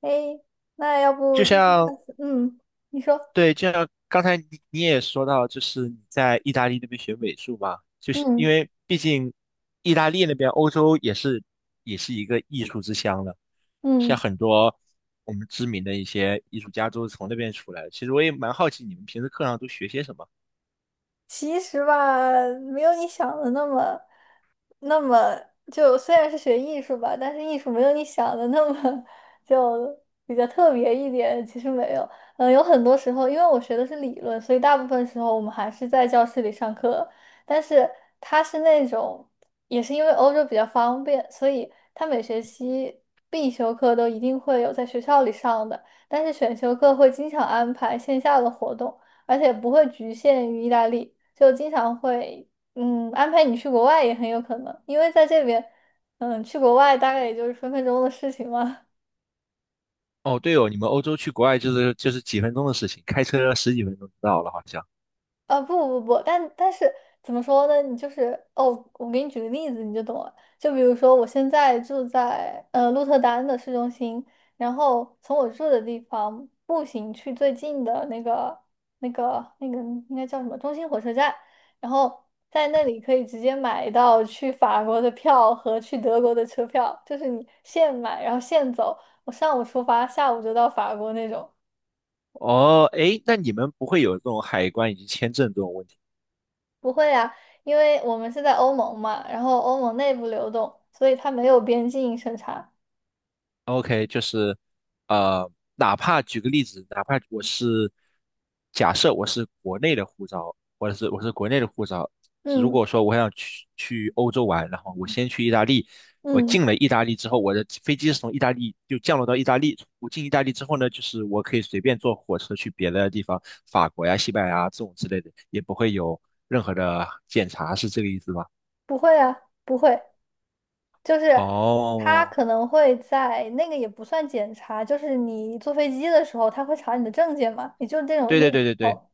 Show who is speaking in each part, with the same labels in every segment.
Speaker 1: 哎，那要
Speaker 2: 就
Speaker 1: 不就
Speaker 2: 像
Speaker 1: 嗯，你说，
Speaker 2: 对，就像刚才你也说到，就是你在意大利那边学美术嘛，就是因
Speaker 1: 嗯
Speaker 2: 为毕竟意大利那边欧洲也是一个艺术之乡了，像
Speaker 1: 嗯。
Speaker 2: 很多我们知名的一些艺术家都是从那边出来的。其实我也蛮好奇你们平时课上都学些什么。
Speaker 1: 其实吧，没有你想的那么，那么就虽然是学艺术吧，但是艺术没有你想的那么 就比较特别一点。其实没有，有很多时候，因为我学的是理论，所以大部分时候我们还是在教室里上课。但是它是那种，也是因为欧洲比较方便，所以它每学期必修课都一定会有在学校里上的，但是选修课会经常安排线下的活动。而且不会局限于意大利。就经常会安排你去国外也很有可能，因为在这边，去国外大概也就是分分钟的事情嘛。
Speaker 2: 哦，对哦，你们欧洲去国外就是几分钟的事情，开车十几分钟就到了，好像。
Speaker 1: 啊不不不，但是怎么说呢？你就是哦，我给你举个例子你就懂了。就比如说，我现在住在鹿特丹的市中心，然后从我住的地方步行去最近的那个那个应该叫什么中心火车站，然后在那里可以直接买到去法国的票和去德国的车票，就是你现买然后现走，我上午出发，下午就到法国那种。
Speaker 2: 哦，诶，那你们不会有这种海关以及签证这种问题？
Speaker 1: 不会啊，因为我们是在欧盟嘛，然后欧盟内部流动，所以它没有边境审查。
Speaker 2: OK，就是呃，哪怕举个例子，哪怕我是假设我是国内的护照，或者是我是国内的护照，如
Speaker 1: 嗯
Speaker 2: 果说我想去欧洲玩，然后我先去意大利，我
Speaker 1: 嗯，
Speaker 2: 进了意大利之后，我的飞机是从意大利就降落到意大利，我进意大利之后呢，就是我可以随便坐火车去别的地方，法国呀、西班牙啊这种之类的，也不会有任何的检查，是这个意思吗？
Speaker 1: 不会啊，不会，就是他
Speaker 2: 哦，
Speaker 1: 可能会在那个也不算检查，就是你坐飞机的时候，他会查你的证件嘛，也就那种
Speaker 2: 对
Speaker 1: 那
Speaker 2: 对
Speaker 1: 种
Speaker 2: 对
Speaker 1: 时
Speaker 2: 对对。
Speaker 1: 候，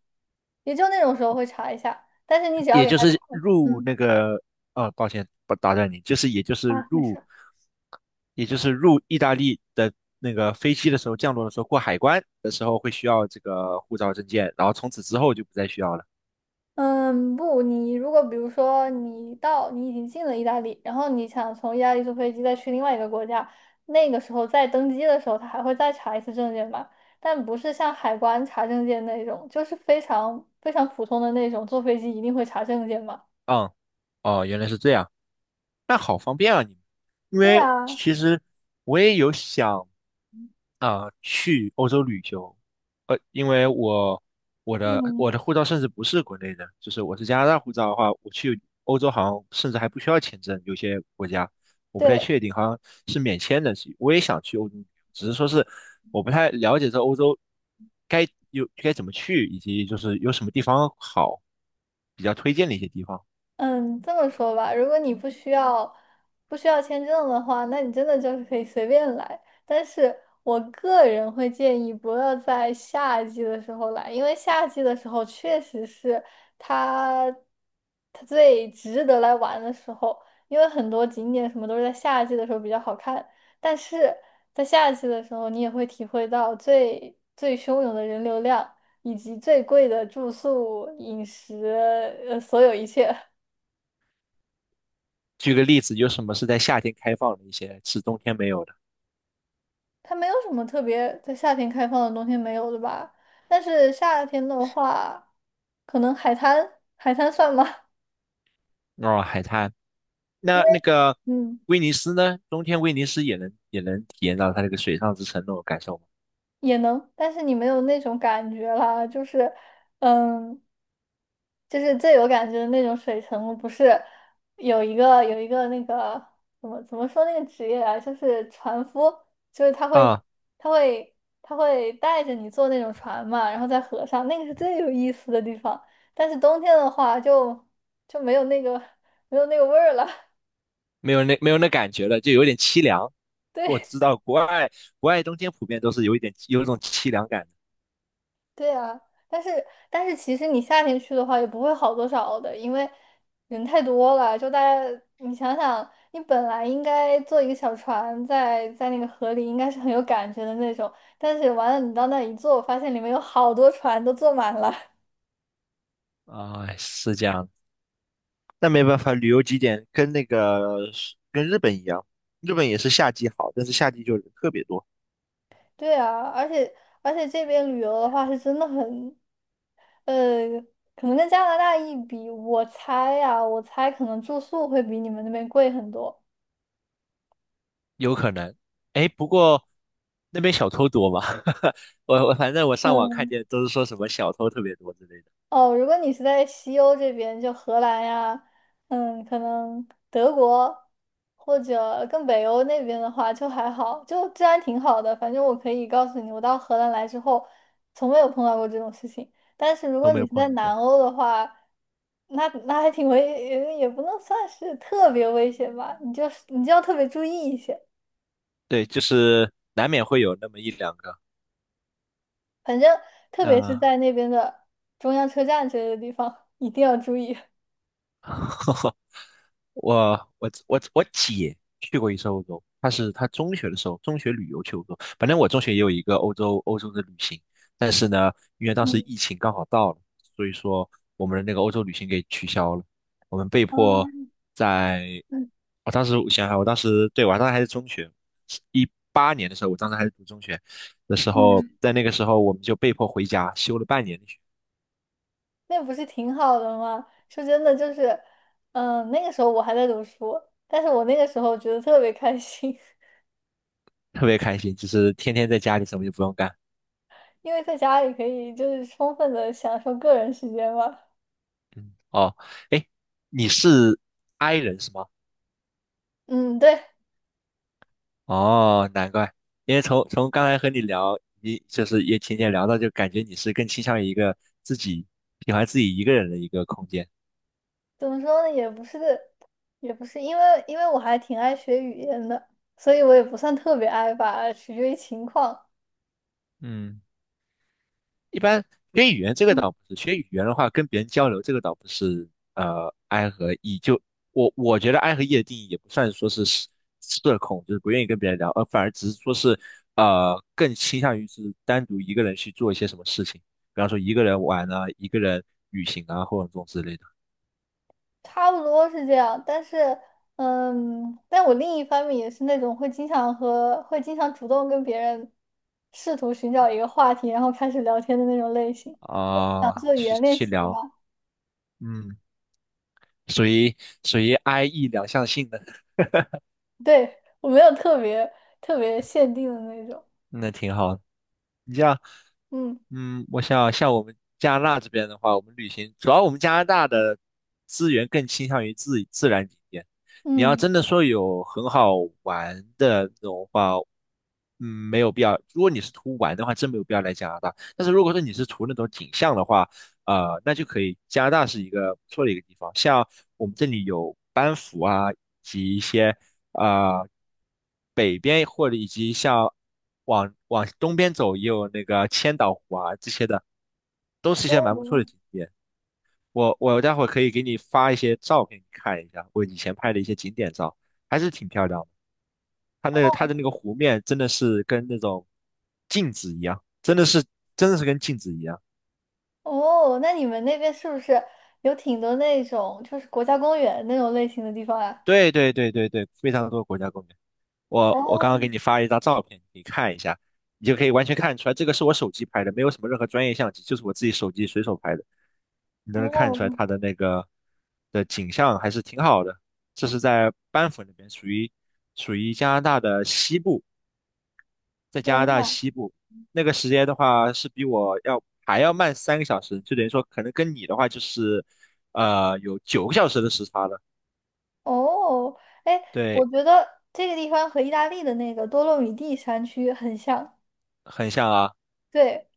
Speaker 1: 也就那种时候会查一下。但是你只要
Speaker 2: 也
Speaker 1: 给
Speaker 2: 就
Speaker 1: 他看，
Speaker 2: 是入
Speaker 1: 嗯
Speaker 2: 那个，啊，抱歉，不打断你，
Speaker 1: 啊，没事。
Speaker 2: 也就是入意大利的那个飞机的时候，降落的时候过海关的时候会需要这个护照证件，然后从此之后就不再需要了。
Speaker 1: 嗯，不，你如果比如说你已经进了意大利，然后你想从意大利坐飞机再去另外一个国家，那个时候在登机的时候，他还会再查一次证件吧，但不是像海关查证件那种，就是非常非常普通的那种，坐飞机一定会查证件嘛。
Speaker 2: 嗯，哦，原来是这样，那好方便啊你们，因
Speaker 1: 对
Speaker 2: 为
Speaker 1: 啊，
Speaker 2: 其实我也有想啊，去欧洲旅游，因为我我的
Speaker 1: 嗯，
Speaker 2: 我的护照甚至不是国内的，就是我是加拿大护照的话，我去欧洲好像甚至还不需要签证，有些国家我不太
Speaker 1: 对。
Speaker 2: 确定，好像是免签的。我也想去欧洲旅游，只是说是我不太了解这欧洲该有该怎么去，以及就是有什么地方好，比较推荐的一些地方。
Speaker 1: 嗯，这么说吧，如果你不需要签证的话，那你真的就是可以随便来。但是我个人会建议不要在夏季的时候来，因为夏季的时候确实是它它最值得来玩的时候，因为很多景点什么都是在夏季的时候比较好看。但是在夏季的时候，你也会体会到最最汹涌的人流量，以及最贵的住宿、饮食，所有一切。
Speaker 2: 举个例子，有什么是在夏天开放的一些，是冬天没有的？
Speaker 1: 它没有什么特别在夏天开放的，冬天没有的吧？但是夏天的话，可能海滩，海滩算吗？
Speaker 2: 哦，海滩。
Speaker 1: 因
Speaker 2: 那
Speaker 1: 为
Speaker 2: 那个
Speaker 1: 嗯。
Speaker 2: 威尼斯呢？冬天威尼斯也能体验到它这个水上之城那种感受吗？
Speaker 1: 也能，但是你没有那种感觉啦，就是，嗯，就是最有感觉的那种水城，不是有一个那个怎么说那个职业啊，就是船夫，就是
Speaker 2: 啊，
Speaker 1: 他会他会带着你坐那种船嘛，然后在河上，那个是最有意思的地方。但是冬天的话就就没有那个味儿了，
Speaker 2: 没有那感觉了，就有点凄凉。我
Speaker 1: 对。
Speaker 2: 知道国外冬天普遍都是有一种凄凉感
Speaker 1: 对啊，但是但是其实你夏天去的话也不会好多少的，因为人太多了。就大家，你想想，你本来应该坐一个小船在那个河里，应该是很有感觉的那种。但是完了，你到那一坐，发现里面有好多船都坐满了。
Speaker 2: 的啊，是这样的那没办法，旅游景点跟那个跟日本一样，日本也是夏季好，但是夏季就人特别多，
Speaker 1: 对啊，而且这边旅游的话是真的很，呃，可能跟加拿大一比，我猜可能住宿会比你们那边贵很多。
Speaker 2: 有可能。哎，不过那边小偷多吗？我反正我上网
Speaker 1: 嗯。
Speaker 2: 看见都是说什么小偷特别多之类的，
Speaker 1: 哦，如果你是在西欧这边，就荷兰呀，可能德国或者更北欧那边的话，就还好，就治安挺好的。反正我可以告诉你，我到荷兰来之后，从没有碰到过这种事情。但是如
Speaker 2: 都
Speaker 1: 果
Speaker 2: 没有
Speaker 1: 你是
Speaker 2: 碰
Speaker 1: 在
Speaker 2: 到过。
Speaker 1: 南欧的话，那那还挺危，也不能算是特别危险吧，你就要特别注意一些。
Speaker 2: 对，就是难免会有那么一两个。
Speaker 1: 反正特别是
Speaker 2: 那、
Speaker 1: 在那边的中央车站之类的地方，一定要注意。
Speaker 2: 我我姐去过一次欧洲，她中学的时候，中学旅游去欧洲。反正我中学也有一个欧洲的旅行，但是呢，因为当时
Speaker 1: 嗯
Speaker 2: 疫情刚好到了，所以说我们的那个欧洲旅行给取消了，我们被迫
Speaker 1: 嗯
Speaker 2: 在，我当时我想想，我当时还是中学，18年的时候，我当时还是读中学的时候，
Speaker 1: 嗯。
Speaker 2: 在那个时候我们就被迫回家休了半年的
Speaker 1: 那不是挺好的吗？说真的，就是，那个时候我还在读书，但是我那个时候觉得特别开心，
Speaker 2: 特别开心，就是天天在家里什么就不用干。
Speaker 1: 因为在家里可以就是充分的享受个人时间嘛。
Speaker 2: 嗯，哦，哎，你是 I 人是吗？
Speaker 1: 嗯，对，
Speaker 2: 哦，难怪，因为从刚才和你聊，你就是也浅浅聊到，就感觉你是更倾向于一个自己喜欢自己一个人的一个空间。
Speaker 1: 怎么说呢，也不是，因为我还挺爱学语言的，所以我也不算特别爱吧，取决于情况。
Speaker 2: 嗯。一般学语言这个
Speaker 1: 嗯。
Speaker 2: 倒不是，学语言的话跟别人交流这个倒不是，呃，I 和 E 就我觉得 I 和 E 的定义也不算说是社恐，就是不愿意跟别人聊，而反而只是说是呃更倾向于是单独一个人去做一些什么事情，比方说一个人玩啊，一个人旅行啊，或者这种之类的
Speaker 1: 差不多是这样，但是，但我另一方面也是那种会经常主动跟别人试图寻找一个话题，然后开始聊天的那种类型，想
Speaker 2: 啊，
Speaker 1: 做语
Speaker 2: 去
Speaker 1: 言练
Speaker 2: 去
Speaker 1: 习的
Speaker 2: 聊，
Speaker 1: 嘛。
Speaker 2: 嗯，属于属于 I E 两项性的，
Speaker 1: 对，我没有特别限定的那种，
Speaker 2: 那挺好的你这样。
Speaker 1: 嗯
Speaker 2: 嗯，我想像我们加拿大这边的话，我们旅行主要我们加拿大的资源更倾向于自然景点。你要
Speaker 1: 嗯，
Speaker 2: 真的说有很好玩的那种话，嗯，没有必要。如果你是图玩的话，真没有必要来加拿大。但是如果说你是图那种景象的话，呃，那就可以。加拿大是一个不错的一个地方，像我们这里有班夫啊，以及一些。啊，北边或者以及像往东边走也有那个千岛湖啊这些的，都是一些蛮不错的
Speaker 1: 哦
Speaker 2: 景点。我待会儿可以给你发一些照片，你看一下我以前拍的一些景点照，还是挺漂亮的。它那个它
Speaker 1: 哦
Speaker 2: 的那个湖面真的是跟那种镜子一样，真的是跟镜子一样。
Speaker 1: 哦，那你们那边是不是有挺多那种就是国家公园那种类型的地方啊？
Speaker 2: 对对对对对，非常多国家公园。我刚
Speaker 1: 哦，
Speaker 2: 刚给你发了一张照片，你可以看一下，你就可以完全看出来，这个是我手机拍的，没有什么任何专业相机，就是我自己手机随手拍的。你能看
Speaker 1: 哦，
Speaker 2: 出来它的那个的景象还是挺好的。这是在班夫那边，属于加拿大的西部，在加拿
Speaker 1: 天
Speaker 2: 大
Speaker 1: 呐！
Speaker 2: 西部那个时间的话是比我要还要慢3个小时，就等于说可能跟你的话就是呃有9个小时的时差了。
Speaker 1: 哦，哎，我
Speaker 2: 对，
Speaker 1: 觉得这个地方和意大利的那个多洛米蒂山区很像。
Speaker 2: 很像啊。
Speaker 1: 对，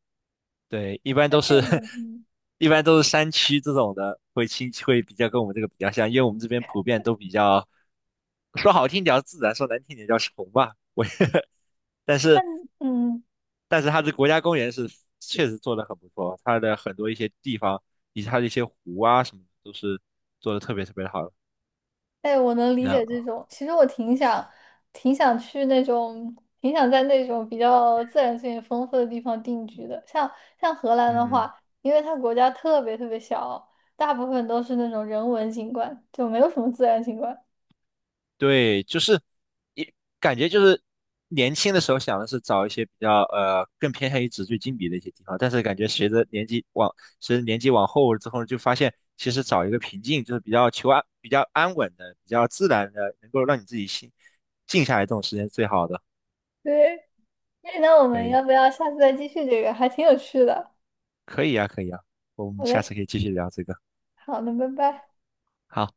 Speaker 2: 对，一般
Speaker 1: 在
Speaker 2: 都
Speaker 1: 这
Speaker 2: 是
Speaker 1: 边，嗯，
Speaker 2: 一般都是山区这种的，会亲会比较跟我们这个比较像，因为我们这边普遍都比较说好听点叫自然，说难听点叫穷吧。我但是
Speaker 1: 但嗯，
Speaker 2: 但是它的国家公园是确实做的很不错，它的很多一些地方以及它的一些湖啊什么的都是做的特别特别的好的。
Speaker 1: 哎，我能理解
Speaker 2: 那
Speaker 1: 这种。其实我挺想，挺想去那种，挺想在那种比较自然资源丰富的地方定居的。像荷兰的
Speaker 2: 嗯。
Speaker 1: 话，因为它国家特别特别小，大部分都是那种人文景观，就没有什么自然景观。
Speaker 2: 对，就是也感觉就是年轻的时候想的是找一些比较呃更偏向于纸醉金迷的一些地方，但是感觉随着年纪往后之后，就发现其实找一个平静，就是比较求安、比较安稳的、比较自然的，能够让你自己心静下来这种时间是最好的。
Speaker 1: 对，那我们
Speaker 2: 对，
Speaker 1: 要不要下次再继续这个？还挺有趣的。
Speaker 2: 可以啊，可以啊，我们
Speaker 1: 好
Speaker 2: 下
Speaker 1: 嘞，
Speaker 2: 次可以继续聊这个。
Speaker 1: 好的，拜拜。
Speaker 2: 好。